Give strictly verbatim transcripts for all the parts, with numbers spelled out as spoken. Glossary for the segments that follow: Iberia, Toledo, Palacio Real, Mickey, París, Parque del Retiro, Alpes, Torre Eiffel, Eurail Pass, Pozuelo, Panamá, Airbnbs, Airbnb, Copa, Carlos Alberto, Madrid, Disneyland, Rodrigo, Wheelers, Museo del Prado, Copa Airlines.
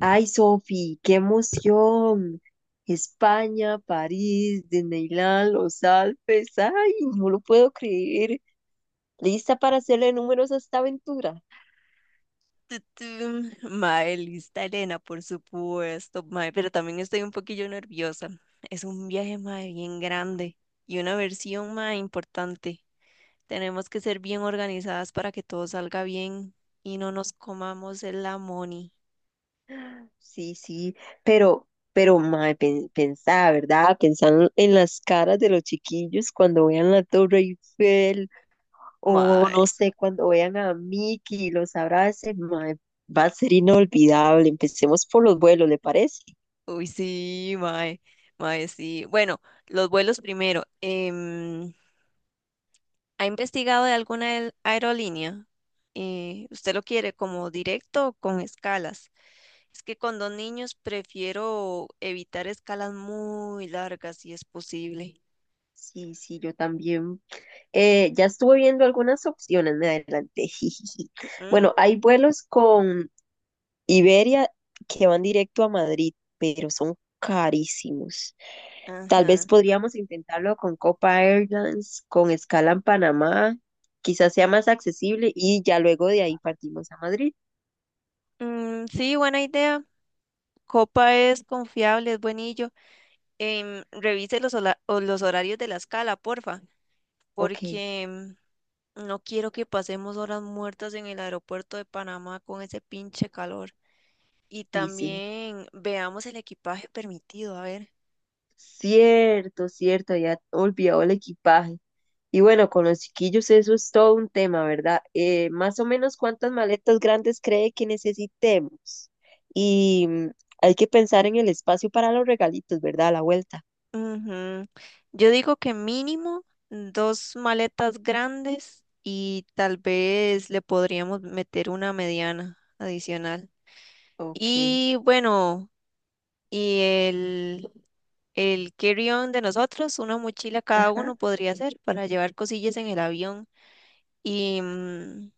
Ay, Sofi, qué emoción. España, París, Disneyland, los Alpes. Ay, no lo puedo creer. ¿Lista para hacerle números a esta aventura? tu, tu. Mae, lista Elena, por supuesto, mae, pero también estoy un poquillo nerviosa. Es un viaje, mae, bien grande y una versión, mae, importante. Tenemos que ser bien organizadas para que todo salga bien y no nos comamos el amoni. Sí, sí, pero, pero, mae, pen- pensá, ¿verdad? Pensar en las caras de los chiquillos cuando vean la Torre Eiffel o Mae, no sé, cuando vean a Mickey y los abracen, mae, va a ser inolvidable. Empecemos por los vuelos, ¿le parece? uy, sí, mae, mae, sí. Bueno, los vuelos primero. Em, ¿ha investigado de alguna aer- aerolínea? Eh, ¿usted lo quiere como directo o con escalas? Es que con dos niños prefiero evitar escalas muy largas si es posible. Sí, sí, yo también. Eh, ya estuve viendo algunas opciones, me adelanté. Jijiji. Mm, Bueno, hay vuelos con Iberia que van directo a Madrid, pero son carísimos. Tal ajá. vez podríamos intentarlo con Copa Airlines, con escala en Panamá, quizás sea más accesible y ya luego de ahí partimos a Madrid. Mm, sí, buena idea. Copa es confiable, es buenillo. Em, revise los, hola- o los horarios de la escala, porfa, Ok, porque mm, no quiero que pasemos horas muertas en el aeropuerto de Panamá con ese pinche calor. Y y sí, también veamos el equipaje permitido, a ver. cierto, cierto, ya olvidado el equipaje. Y bueno, con los chiquillos eso es todo un tema, ¿verdad? Eh, más o menos cuántas maletas grandes cree que necesitemos. Y mm, hay que pensar en el espacio para los regalitos, ¿verdad? A la vuelta. Ujú. Yo digo que mínimo dos maletas grandes y tal vez le podríamos meter una mediana adicional. Ok, Y bueno, y el, el carry-on de nosotros, una mochila cada ajá. uno podría ser para llevar cosillas en el avión. Y mm,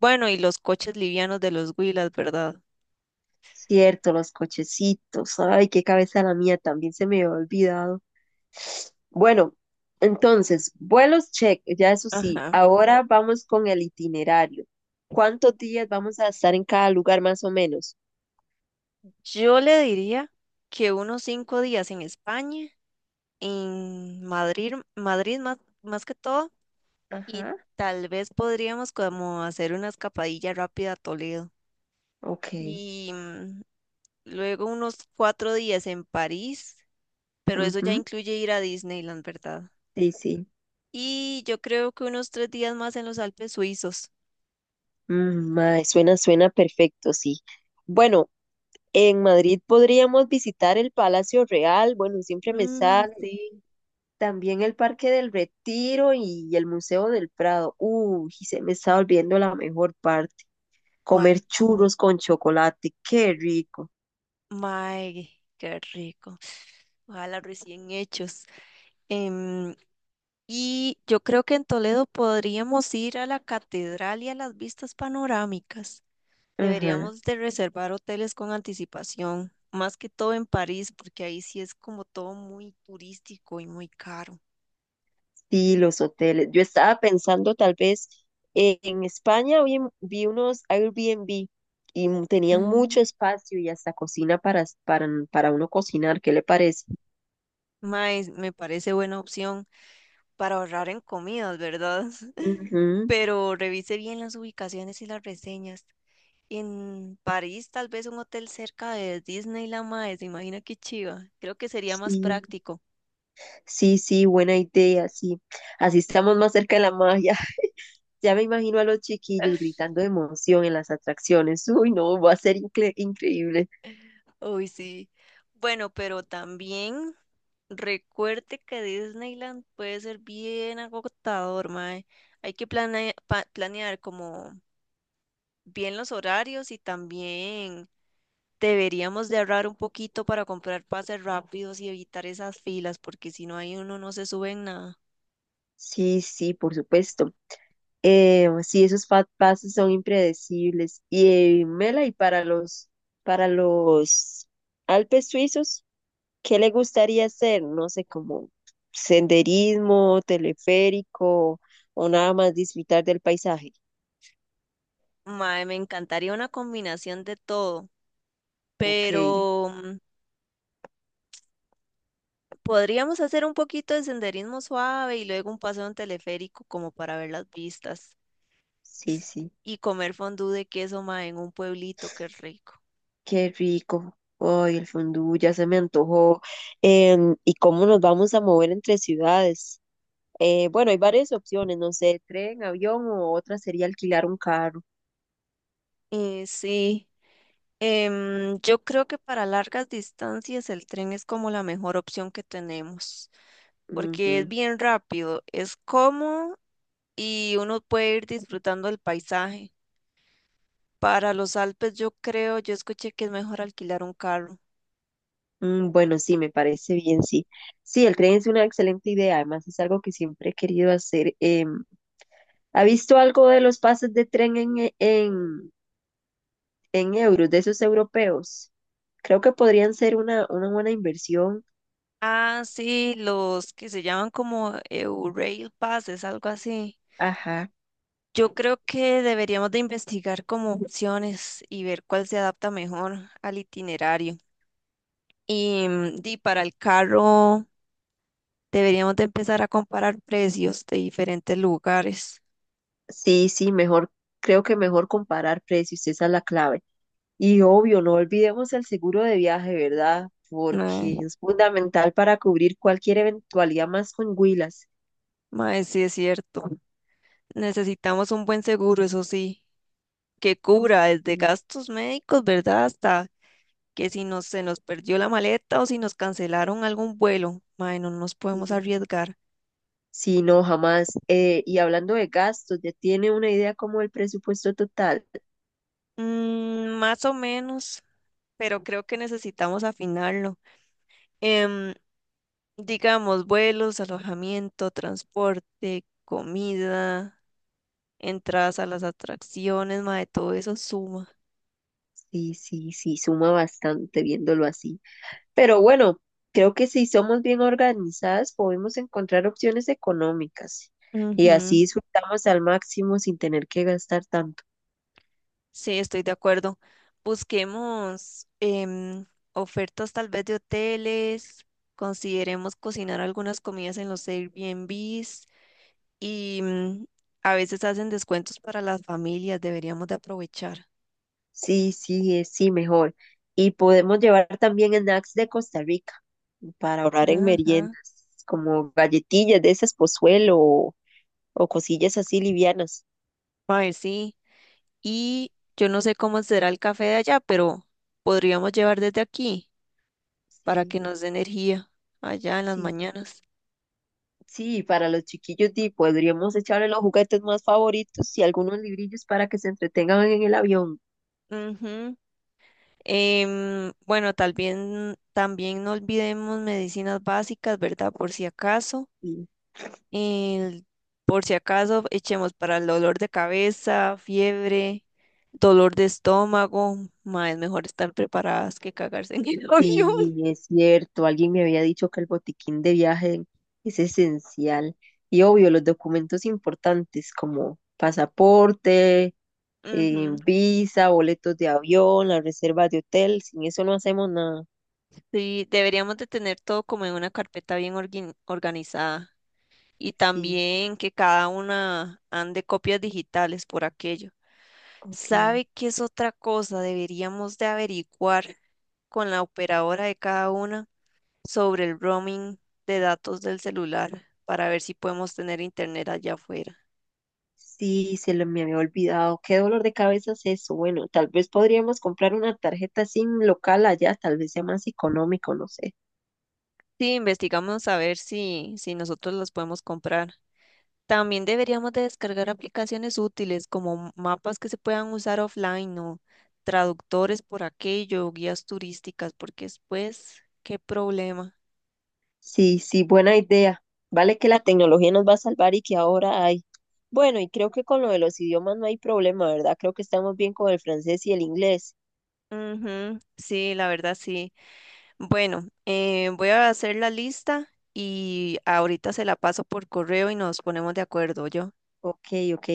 bueno, y los coches livianos de los Wheelers, ¿verdad? Cierto, los cochecitos. Ay, qué cabeza la mía, también se me había olvidado. Bueno, entonces, vuelos check, ya eso sí. Ajá. Ahora vamos con el itinerario. ¿Cuántos días vamos a estar en cada lugar más o menos? Yo le diría que unos cinco días en España en Madrid, Madrid más, más que todo, y Ajá, tal vez podríamos como hacer una escapadilla rápida a Toledo. ok. Y mm, luego unos cuatro días en París, pero eso ya Ujú, incluye ir a Disneyland, ¿verdad? sí, sí. Y yo creo que unos tres días más en los Alpes suizos. Mm, mae, suena, suena perfecto, sí. Bueno, en Madrid podríamos visitar el Palacio Real, bueno, siempre me Mm, sale, sí. también el Parque del Retiro y el Museo del Prado. Uy, y se me está olvidando la mejor parte, ¿Cuál? comer churros con chocolate, qué rico. Mae, qué rico. Ojalá recién hechos. Em, Y yo creo que en Toledo podríamos ir a la catedral y a las vistas panorámicas. Ajá, Deberíamos de reservar hoteles con anticipación, más que todo en París, porque ahí sí es como todo muy turístico y muy caro. sí, los hoteles. Yo estaba pensando tal vez eh, en España, vi, vi unos Airbnb y m- tenían mucho Ah, espacio y hasta cocina para, s- para, para uno cocinar, ¿qué le parece? mae, me parece buena opción para ahorrar en comidas, ¿verdad? Ujú, Pero revise bien las ubicaciones y las reseñas. En París, tal vez un hotel cerca de Disneyland, mae, se imagina qué chiva. Creo que sería más sí, práctico. sí, sí, buena idea, sí. Así estamos más cerca de la magia. Ya me imagino a los chiquillos gritando de emoción en las atracciones. Uy, no, va a ser incre- increíble. Uy, sí. Bueno, pero también recuerde que Disneyland puede ser bien agotador, mae. Hay que plane- pa- planear como bien los horarios y también deberíamos de ahorrar un poquito para comprar pases rápidos y evitar esas filas, porque si no hay uno no se sube en nada. Sí, sí, por supuesto. Eh, sí, esos fat pases son impredecibles. Y eh, Mela, y para los, para los Alpes suizos, ¿qué le gustaría hacer? No sé, como senderismo, teleférico o nada más disfrutar del paisaje. Mae, me encantaría una combinación de todo, Ok, pero mm, podríamos hacer un poquito de senderismo suave y luego un paseo en teleférico como para ver las vistas. sí, sí, Y comer fondue de queso, mae, en un pueblito, qué rico. qué rico. Ay, el fondue ya se me antojó. Em, ¿y cómo nos vamos a mover entre ciudades? Eh, bueno, hay varias opciones, no sé, tren, avión o otra sería alquilar un carro. Eh, sí, em, yo creo que para largas distancias el tren es como la mejor opción que tenemos, porque es Ujú. bien rápido, es cómodo y uno puede ir disfrutando el paisaje. Para los Alpes yo creo, yo escuché que es mejor alquilar un carro. Mm, bueno, sí, me parece bien, sí. Sí, el tren es una excelente idea, además es algo que siempre he querido hacer. Em, ¿ha visto algo de los pases de tren en, e- en, en euros, de esos europeos? Creo que podrían ser una, una buena inversión. Ah, sí, los que se llaman como Eurail Pass, es algo así. Ajá. Yo creo que deberíamos de investigar como opciones y ver cuál se adapta mejor al itinerario. Y, mm, di, para el carro deberíamos de empezar a comparar precios de diferentes lugares. Sí, sí, mejor, creo que mejor comparar precios, esa es la clave. Y obvio, no olvidemos el seguro de viaje, ¿verdad? Porque Mae, es fundamental para cubrir cualquier eventualidad más con Huilas. mae, sí es cierto. Necesitamos un buen seguro, eso sí, que cubra desde Sí, gastos médicos, ¿verdad? Hasta que si nos, se nos perdió la maleta o si nos cancelaron algún vuelo. Mae, no nos podemos sí, arriesgar. sí, no, jamás. Eh, y hablando de gastos, ¿ya tiene una idea como el presupuesto total? Mm, más o menos. Pero creo que necesitamos afinarlo. Em, digamos, vuelos, alojamiento, transporte, comida, entradas a las atracciones, mae, todo eso suma. Sí, sí, sí, suma bastante viéndolo así. Pero bueno, creo que si somos bien organizadas podemos encontrar opciones económicas y así Ujú, disfrutamos al máximo sin tener que gastar tanto. sí, estoy de acuerdo. Busquemos em, ofertas tal vez de hoteles, consideremos cocinar algunas comidas en los Airbnbs y mm, a veces hacen descuentos para las familias, deberíamos de aprovechar. Sí, sí, eh, sí, mejor. Y podemos llevar también snacks de Costa Rica para ahorrar en Ajá. meriendas, como galletillas de esas Pozuelo o, o cosillas así livianas. Mae, sí. Y yo no sé cómo será el café de allá, pero podríamos llevar desde aquí para Sí, que nos dé energía allá en las sí, mañanas. sí, para los chiquillos di, podríamos echarle los juguetes más favoritos y algunos librillos para que se entretengan en el avión. Ujú. Em, bueno, tal bien- también no olvidemos medicinas básicas, ¿verdad? Por si acaso. El- por si acaso echemos para el dolor de cabeza, fiebre, dolor de estómago. Ma, es mejor estar preparadas que cagarse en el avión. Sí, es cierto. Alguien me había dicho que el botiquín de viaje es esencial. Y obvio, los documentos importantes como pasaporte, eh, Ujú. visa, boletos de avión, la reserva de hotel. Sin eso no hacemos nada. Sí, deberíamos de tener todo como en una carpeta bien orgui- organizada y Sí, también que cada una ande copias digitales por aquello. ok. ¿Sabe qué es otra cosa? Deberíamos de averiguar con la operadora de cada una sobre el roaming de datos del celular para ver si podemos tener internet allá afuera. Sí, se lo, me había olvidado. Qué dolor de cabeza es eso. Bueno, tal vez podríamos comprar una tarjeta S I M local allá, tal vez sea más económico, no sé. Sí, investigamos a ver si, si nosotros los podemos comprar. También deberíamos de descargar aplicaciones útiles como mapas que se puedan usar offline o traductores por aquello, guías turísticas, porque después, qué problema. Sí, sí, buena idea. Vale que la tecnología nos va a salvar y que ahora hay. Bueno, y creo que con lo de los idiomas no hay problema, ¿verdad? Creo que estamos bien con el francés y el inglés. Ujú, sí, la verdad sí. Bueno, eh, voy a hacer la lista y ahorita se la paso por correo y nos ponemos de acuerdo, yo. Ok, ok.